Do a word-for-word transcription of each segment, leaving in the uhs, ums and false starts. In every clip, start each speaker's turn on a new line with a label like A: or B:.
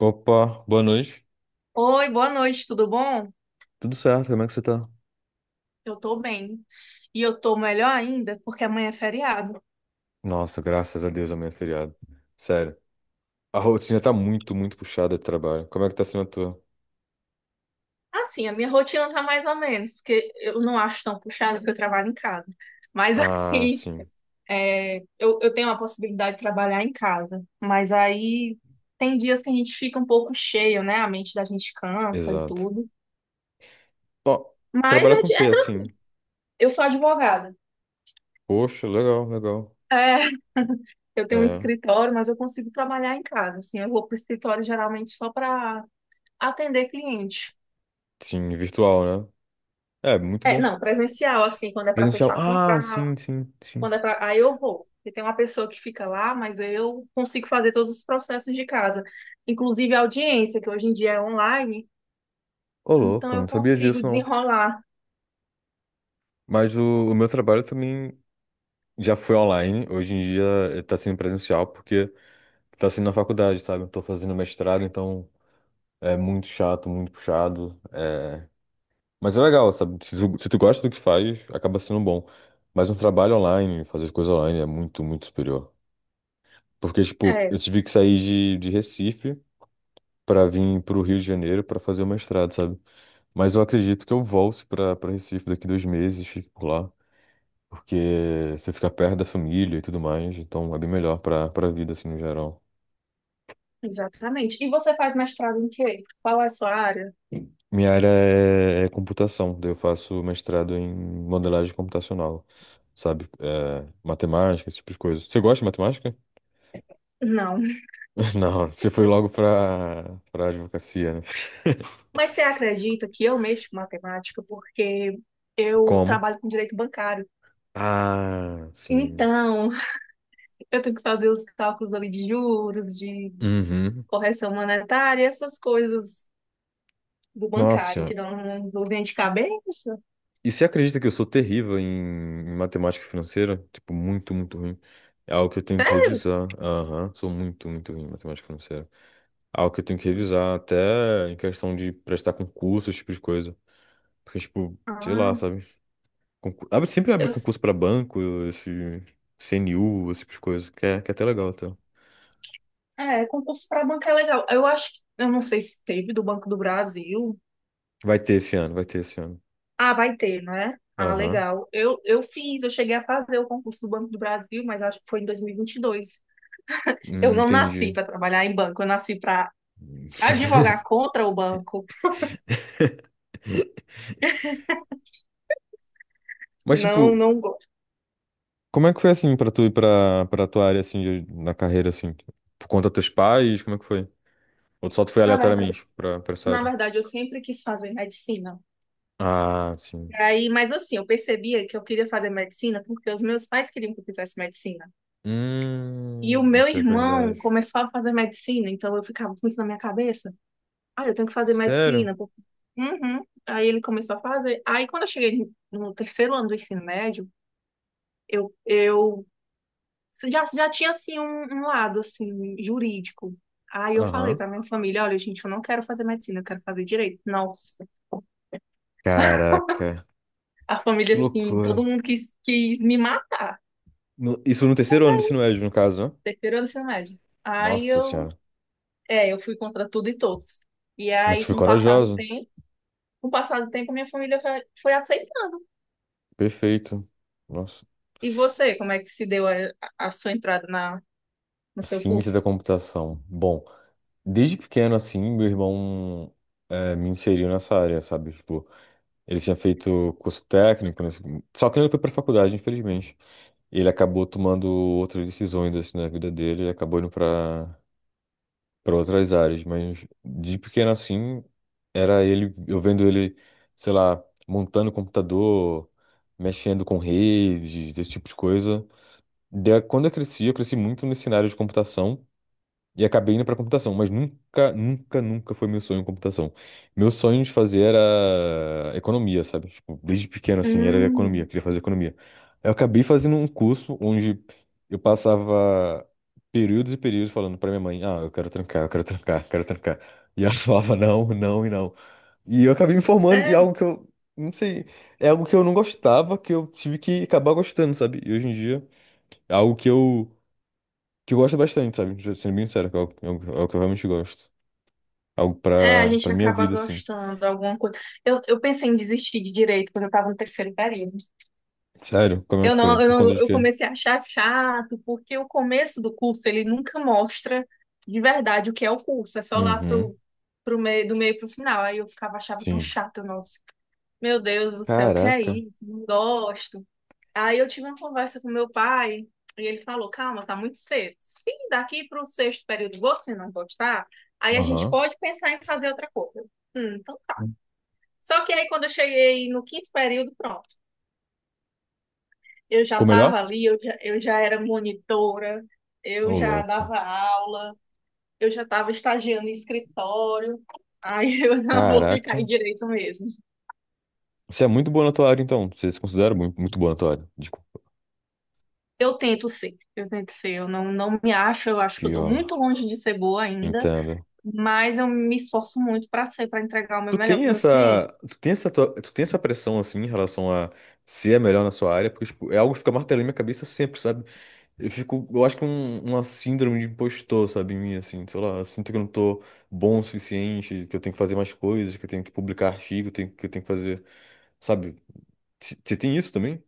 A: Opa, boa noite.
B: Oi, boa noite, tudo bom?
A: Tudo certo? Como é que você tá?
B: Eu tô bem. E eu tô melhor ainda porque amanhã é feriado.
A: Nossa, graças a Deus, amanhã é feriado. Sério. A rotina tá muito, muito puxada de trabalho. Como é que tá sendo a tua?
B: Assim, a minha rotina tá mais ou menos, porque eu não acho tão puxada porque eu trabalho em casa. Mas
A: Ah,
B: aí
A: sim.
B: é, eu, eu tenho a possibilidade de trabalhar em casa. Mas aí tem dias que a gente fica um pouco cheio, né? A mente da gente cansa e
A: Exato.
B: tudo.
A: Ó,
B: Mas
A: trabalhar
B: é,
A: com o
B: de-
A: quê,
B: é tranquilo.
A: assim?
B: Eu sou advogada.
A: Poxa, legal, legal.
B: É, eu tenho um
A: É,
B: escritório, mas eu consigo trabalhar em casa. Assim, eu vou pro escritório geralmente só para atender cliente.
A: sim, virtual, né? É, muito
B: É,
A: bom.
B: não, presencial, assim, quando é para
A: Presencial.
B: fechar
A: Ah,
B: contrato,
A: sim, sim, sim.
B: quando é para. Aí eu vou. E tem uma pessoa que fica lá, mas eu consigo fazer todos os processos de casa, inclusive a audiência, que hoje em dia é online,
A: Ô,
B: então
A: louco, não
B: eu
A: sabia
B: consigo
A: disso, não.
B: desenrolar.
A: Mas o, o meu trabalho também já foi online. Hoje em dia eh, tá sendo presencial, porque tá sendo na faculdade, sabe? Eu tô fazendo mestrado, então... É muito chato, muito puxado. É... Mas é legal, sabe? Se tu, se tu gosta do que faz, acaba sendo bom. Mas um trabalho online, fazer coisa online é muito, muito superior. Porque, tipo,
B: É,
A: eu tive que sair de, de Recife pra vir pro Rio de Janeiro pra fazer o mestrado, sabe? Mas eu acredito que eu volte pra, pra Recife daqui dois meses, fico por lá. Porque você fica perto da família e tudo mais, então é bem melhor pra, pra vida, assim, no geral.
B: exatamente. E você faz mestrado em quê? Qual é a sua área?
A: Minha área é, é computação, daí eu faço mestrado em modelagem computacional, sabe? É, matemática, esse tipo de coisa. Você gosta de matemática?
B: Não.
A: Não, você foi logo pra, pra advocacia, né?
B: Mas você acredita que eu mexo com matemática porque eu
A: Como?
B: trabalho com direito bancário.
A: Ah, sim.
B: Então, eu tenho que fazer os cálculos ali de juros, de
A: Uhum.
B: correção monetária, essas coisas do
A: Nossa
B: bancário que
A: senhora.
B: dão uma dorzinha de cabeça.
A: E você acredita que eu sou terrível em, em matemática financeira? Tipo, muito, muito ruim. É algo que eu tenho que
B: Sério?
A: revisar. Aham, sou muito, muito ruim em matemática financeira. É algo que eu tenho que revisar, até em questão de prestar concurso, esse tipo de coisa. Porque, tipo, sei
B: Ah,
A: lá, sabe? Concur- Abre, sempre abre
B: eu,
A: concurso pra banco, esse C N U, esse tipo de coisa, que é, que é até legal, até.
B: é, concurso para banco é legal. Eu acho que, eu não sei se teve do Banco do Brasil.
A: Vai ter esse ano, vai ter esse ano.
B: Ah, vai ter, né? Ah,
A: Aham.
B: legal. Eu, eu fiz, eu cheguei a fazer o concurso do Banco do Brasil, mas acho que foi em dois mil e e vinte e dois. Eu
A: Hum,
B: não nasci
A: entendi.
B: para trabalhar em banco, eu nasci para advogar contra o banco.
A: Mas, tipo,
B: Não, não gosto.
A: como é que foi assim pra tu ir pra, pra tua área, assim, de- na carreira, assim? Por conta dos teus pais, como é que foi? Ou tu só tu foi
B: Na verdade,
A: aleatoriamente pra, pra essa
B: na
A: área?
B: verdade, eu sempre quis fazer medicina.
A: Ah, sim.
B: Aí, mas assim, eu percebia que eu queria fazer medicina porque os meus pais queriam que eu fizesse medicina. E
A: Hum,
B: o meu
A: isso é
B: irmão
A: verdade.
B: começou a fazer medicina, então eu ficava com isso na minha cabeça. Ah, eu tenho que fazer
A: Sério?
B: medicina, pô. Uhum. Aí ele começou a fazer. Aí quando eu cheguei no terceiro ano do ensino médio, eu, eu já, já tinha assim um, um lado assim jurídico. Aí eu falei
A: Aham.
B: pra minha família: olha, gente, eu não quero fazer medicina, eu quero fazer direito. Nossa,
A: Caraca,
B: a família
A: que
B: assim, todo
A: loucura.
B: mundo quis, quis me matar.
A: No- isso no terceiro ano do ensino médio, no caso, né?
B: Terceiro ano do ensino médio. Aí
A: Nossa
B: eu,
A: senhora.
B: é, eu fui contra tudo e todos. E
A: Mas você
B: aí,
A: foi
B: com o passar do
A: corajoso.
B: tempo, com o passar do tempo, minha família foi, foi aceitando.
A: Perfeito. Nossa.
B: E você, como é que se deu a, a sua entrada na, no seu
A: Ciência
B: curso?
A: da computação. Bom, desde pequeno, assim, meu irmão eh, me inseriu nessa área, sabe? Tipo, ele tinha feito curso técnico, nesse- só que ele foi pra faculdade, infelizmente. Ele acabou tomando outras decisões, assim, na vida dele e acabou indo pra para outras áreas, mas de pequeno assim, era ele, eu vendo ele, sei lá, montando computador, mexendo com redes, esse tipo de coisa. Da- Quando eu cresci, eu cresci muito nesse cenário de computação. E acabei indo pra computação, mas nunca, nunca, nunca foi meu sonho computação. Meu sonho de fazer era economia, sabe? Tipo, desde pequeno, assim, era economia,
B: Hum,
A: queria fazer economia. Eu acabei fazendo um curso onde eu passava períodos e períodos falando pra minha mãe, ah, eu quero trancar, eu quero trancar, eu quero trancar. E ela falava não, não e não. E eu acabei me formando em
B: sério?
A: algo que eu, não sei, é algo que eu não gostava, que eu tive que acabar gostando, sabe? E hoje em dia, é algo que eu que eu gosto bastante, sabe? Ju- Sendo bem sério, que é algo, é algo- é algo que eu realmente gosto. Algo
B: É, a
A: pra,
B: gente
A: pra minha
B: acaba
A: vida, assim.
B: gostando de alguma coisa. Eu, eu pensei em desistir de direito quando eu estava no terceiro período.
A: Sério? Como é
B: Eu
A: que foi?
B: não, eu
A: Por
B: não,
A: conta de
B: eu
A: quê?
B: comecei a achar chato, porque o começo do curso ele nunca mostra de verdade o que é o curso, é só lá
A: Uhum,
B: pro, pro meio, do meio pro final. Aí eu ficava, achava tão
A: sim.
B: chato, nossa, meu Deus do céu, o que é
A: Caraca.
B: isso? Não gosto. Aí eu tive uma conversa com meu pai e ele falou: calma, tá muito cedo. Se daqui pro sexto período você não gostar, aí a gente
A: Aham.
B: pode pensar em fazer outra coisa. Hum, então tá. Só que aí quando eu cheguei no quinto período, pronto. Eu já
A: Ficou melhor?
B: estava ali, eu já, eu já era monitora, eu
A: Ô,
B: já
A: louco.
B: dava aula, eu já estava estagiando em escritório. Aí eu não vou ficar em
A: Caraca.
B: direito mesmo.
A: Você é muito boa na tua área, então. Você se considera muito, muito boa na tua área. Desculpa.
B: Eu tento ser, eu tento ser. Eu não, não me acho, eu acho que eu estou
A: Pior.
B: muito longe de ser boa ainda,
A: Entendo.
B: mas eu me esforço muito para ser, para entregar o meu
A: Tu
B: melhor
A: tem
B: para meus clientes.
A: essa, tu tem essa, tua- tu tem essa pressão, assim, em relação a ser a melhor na sua área, porque, tipo, é algo que fica martelando na minha cabeça sempre, sabe? Eu fico, eu acho que é um, uma síndrome de impostor, sabe, em mim, assim, sei lá, eu sinto que eu não tô bom o suficiente, que eu tenho que fazer mais coisas, que eu tenho que publicar artigo, tenho- que eu tenho que fazer, sabe? Você tem isso também?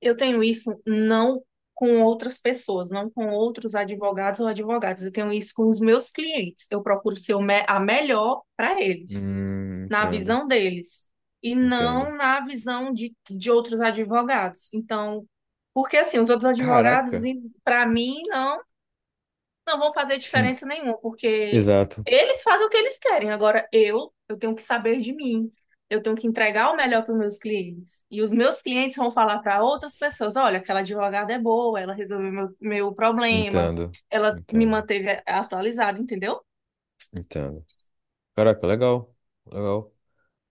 B: Eu tenho isso não com outras pessoas, não com outros advogados ou advogadas. Eu tenho isso com os meus clientes. Eu procuro ser o me- a melhor para eles,
A: Hum,
B: na
A: entendo,
B: visão deles e
A: entendo.
B: não na visão de, de outros advogados. Então, porque assim, os outros advogados,
A: Caraca!
B: para mim, não, não vão fazer
A: Sim,
B: diferença nenhuma, porque
A: exato.
B: eles fazem o que eles querem. Agora, eu, eu tenho que saber de mim. Eu tenho que entregar o melhor para os meus clientes. E os meus clientes vão falar para outras pessoas: olha, aquela advogada é boa, ela resolveu meu, meu problema,
A: Entendo,
B: ela me
A: entendo,
B: manteve atualizada, entendeu?
A: entendo. Caraca, legal, legal.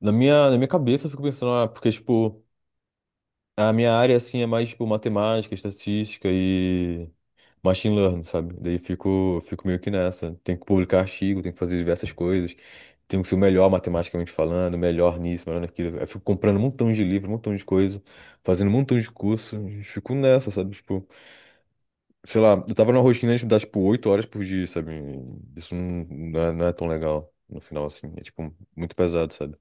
A: Na minha, na minha cabeça eu fico pensando, ah, porque, tipo. A minha área, assim, é mais, tipo, matemática, estatística e machine learning, sabe? Daí fico, fico meio que nessa. Tenho que publicar artigo, tenho que fazer diversas coisas. Tenho que ser o melhor matematicamente falando, melhor nisso, melhor naquilo. Eu fico comprando um montão de livro, um montão de coisa, fazendo um montão de curso. E fico nessa, sabe? Tipo, sei lá, eu tava numa rotina de dar, tipo, oito horas por dia, sabe? Isso não, não é, não é tão legal no final, assim. É, tipo, muito pesado, sabe?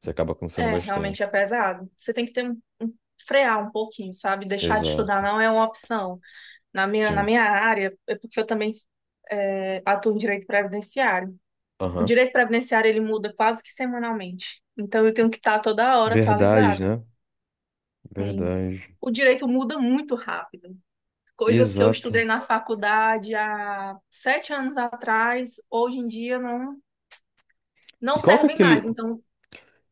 A: Você acaba cansando
B: É, realmente é
A: bastante.
B: pesado. Você tem que ter um, um- frear um pouquinho, sabe? Deixar de estudar
A: Exato.
B: não é uma opção. Na minha, na
A: Sim.
B: minha área, é porque eu também é, atuo em direito previdenciário. O
A: Aham.
B: direito previdenciário ele muda quase que semanalmente. Então eu tenho que estar toda hora
A: Verdade,
B: atualizada.
A: né?
B: Sim.
A: Verdade.
B: O direito muda muito rápido. Coisas que eu
A: Exato.
B: estudei na faculdade há sete anos atrás, hoje em dia não, não
A: E qual que é
B: servem
A: aquele,
B: mais. Então,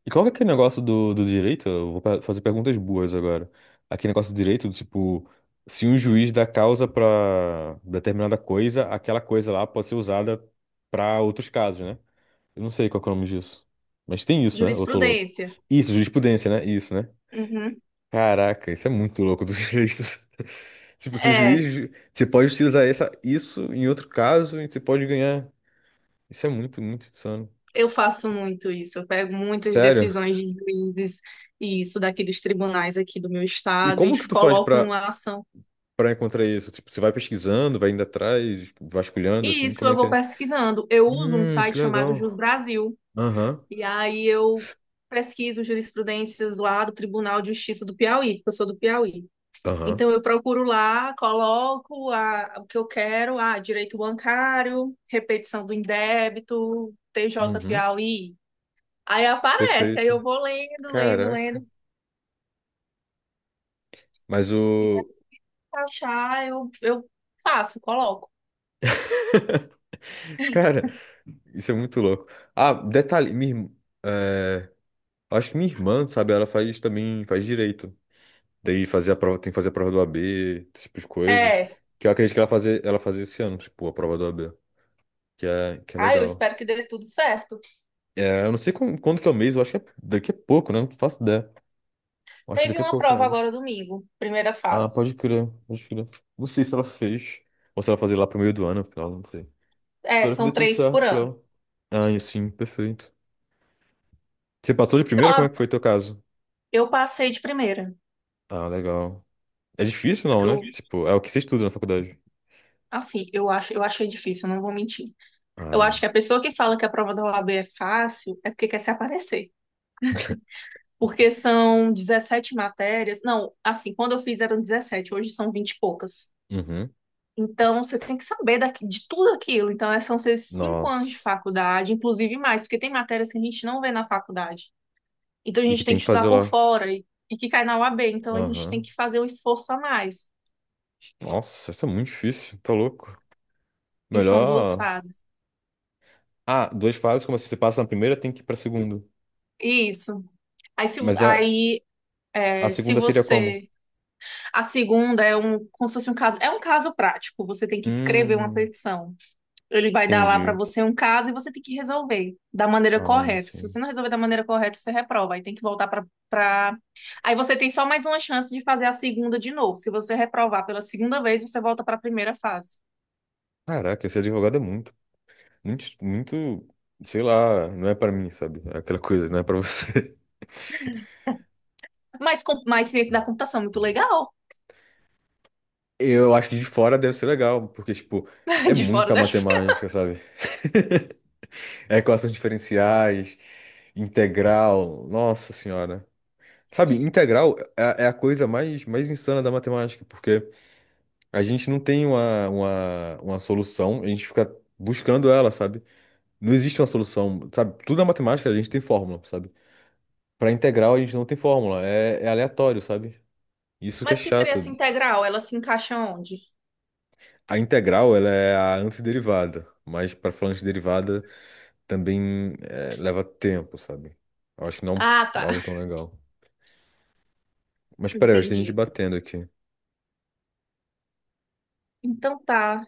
A: e qual que é aquele negócio do, do direito? Eu vou pe- fazer perguntas boas agora. Aquele negócio do direito, do tipo, se um juiz dá causa pra determinada coisa, aquela coisa lá pode ser usada pra outros casos, né? Eu não sei qual que é o nome disso. Mas tem isso, né? Eu tô louco.
B: jurisprudência.
A: Isso, jurisprudência, né? Isso, né?
B: Uhum.
A: Caraca, isso é muito louco dos direitos. Tipo, se o
B: É,
A: juiz. Você pode utilizar essa, isso em outro caso e você pode ganhar. Isso é muito, muito insano.
B: eu faço muito isso, eu pego muitas
A: Sério?
B: decisões de juízes e isso daqui dos tribunais aqui do meu
A: E
B: estado e
A: como que tu faz
B: coloco
A: pra,
B: numa ação.
A: pra encontrar isso? Tipo, você vai pesquisando, vai indo atrás, tipo, vasculhando,
B: E
A: assim,
B: isso
A: como é
B: eu
A: que
B: vou
A: é?
B: pesquisando. Eu uso um
A: Hum, que
B: site chamado Jus
A: legal.
B: Brasil
A: Aham,
B: e aí eu pesquiso jurisprudências lá do Tribunal de Justiça do Piauí, porque eu sou do Piauí.
A: aham,
B: Então eu procuro lá, coloco a- o que eu quero, ah, direito bancário, repetição do indébito, T J
A: uhum,
B: Piauí. Aí aparece, aí
A: perfeito.
B: eu vou lendo, lendo, lendo.
A: Caraca. Mas o...
B: Achar, eu, eu faço, coloco.
A: Cara, isso é muito louco. Ah, detalhe, minha, irm- é, acho que minha irmã, sabe, ela faz também, faz direito. Daí fazer a prova, tem que fazer a prova do A B, esse tipo de coisa.
B: É.
A: Que eu acredito que ela fazer, ela fazer esse ano, tipo, a prova do A B. Que é, que é
B: Ah, eu
A: legal.
B: espero que dê tudo certo.
A: É, eu não sei quan- quando, que é o mês, eu acho que é daqui a pouco, né? Não faço ideia. Eu acho que
B: Teve
A: daqui a
B: uma
A: pouco que
B: prova
A: abre.
B: agora domingo, primeira
A: Ah,
B: fase.
A: pode crer, pode crer. Não sei se ela fez. Ou se ela fazer lá pro meio do ano, afinal, não sei.
B: É,
A: Espero que dê
B: são
A: tudo
B: três por
A: certo pra
B: ano.
A: ela. Ah, e sim, perfeito. Você passou de
B: Eu,
A: primeira? Como é
B: a-
A: que foi teu caso?
B: eu passei de primeira.
A: Ah, legal. É difícil, não, né?
B: Eu,
A: Tipo, é o que você estuda na faculdade.
B: assim, eu acho, eu achei difícil, não vou mentir. Eu acho que
A: Ah,
B: a pessoa que fala que a prova da OAB é fácil é porque quer se aparecer. Porque são dezessete matérias. Não, assim, quando eu fiz eram dezessete, hoje são vinte e poucas.
A: uhum.
B: Então, você tem que saber daqui- de tudo aquilo. Então, é- são seus cinco anos de
A: Nossa.
B: faculdade, inclusive mais, porque tem matérias que a gente não vê na faculdade. Então, a
A: E que
B: gente tem
A: tem
B: que
A: que
B: estudar
A: fazer
B: por
A: lá?
B: fora e, e que cai na UAB. Então, a gente tem
A: Aham.
B: que fazer um esforço a mais.
A: Nossa, isso é muito difícil, tá louco.
B: E são duas
A: Melhor.
B: fases.
A: Ah, duas fases, como assim? Você passa na primeira, tem que ir pra segunda.
B: Isso. Aí, se,
A: Mas a,
B: aí,
A: A
B: é, se
A: segunda seria como?
B: você. A segunda é um, como se fosse um caso. É um caso prático. Você tem que escrever uma
A: Hum,
B: petição. Ele vai dar lá para
A: entendi.
B: você um caso e você tem que resolver da maneira
A: Ah,
B: correta. Se você
A: sim.
B: não resolver da maneira correta, você reprova. Aí tem que voltar para pra... Aí você tem só mais uma chance de fazer a segunda de novo. Se você reprovar pela segunda vez, você volta para a primeira fase.
A: Caraca, esse advogado é muito, muito, muito, sei lá, não é pra mim, sabe? É aquela coisa, não é pra você.
B: Mas, com... Mas ciência da computação, é muito legal.
A: Eu acho que de fora deve ser legal, porque, tipo, é
B: De fora
A: muita
B: deve ser.
A: matemática, sabe? É equações diferenciais, integral, nossa senhora. Sabe, integral é é a coisa mais, mais insana da matemática, porque a gente não tem uma, uma, uma solução, a gente fica buscando ela, sabe? Não existe uma solução, sabe? Tudo é matemática a gente tem fórmula, sabe? Para integral a gente não tem fórmula, é, é aleatório, sabe? Isso que é
B: Mas o que seria
A: chato.
B: essa integral? Ela se encaixa onde?
A: A integral, ela é a antiderivada, mas para falar antiderivada também é, leva tempo, sabe? Eu acho que não
B: Ah,
A: é
B: tá.
A: algo tão legal. Mas peraí, eu acho que tem gente
B: Entendi.
A: batendo aqui.
B: Então tá.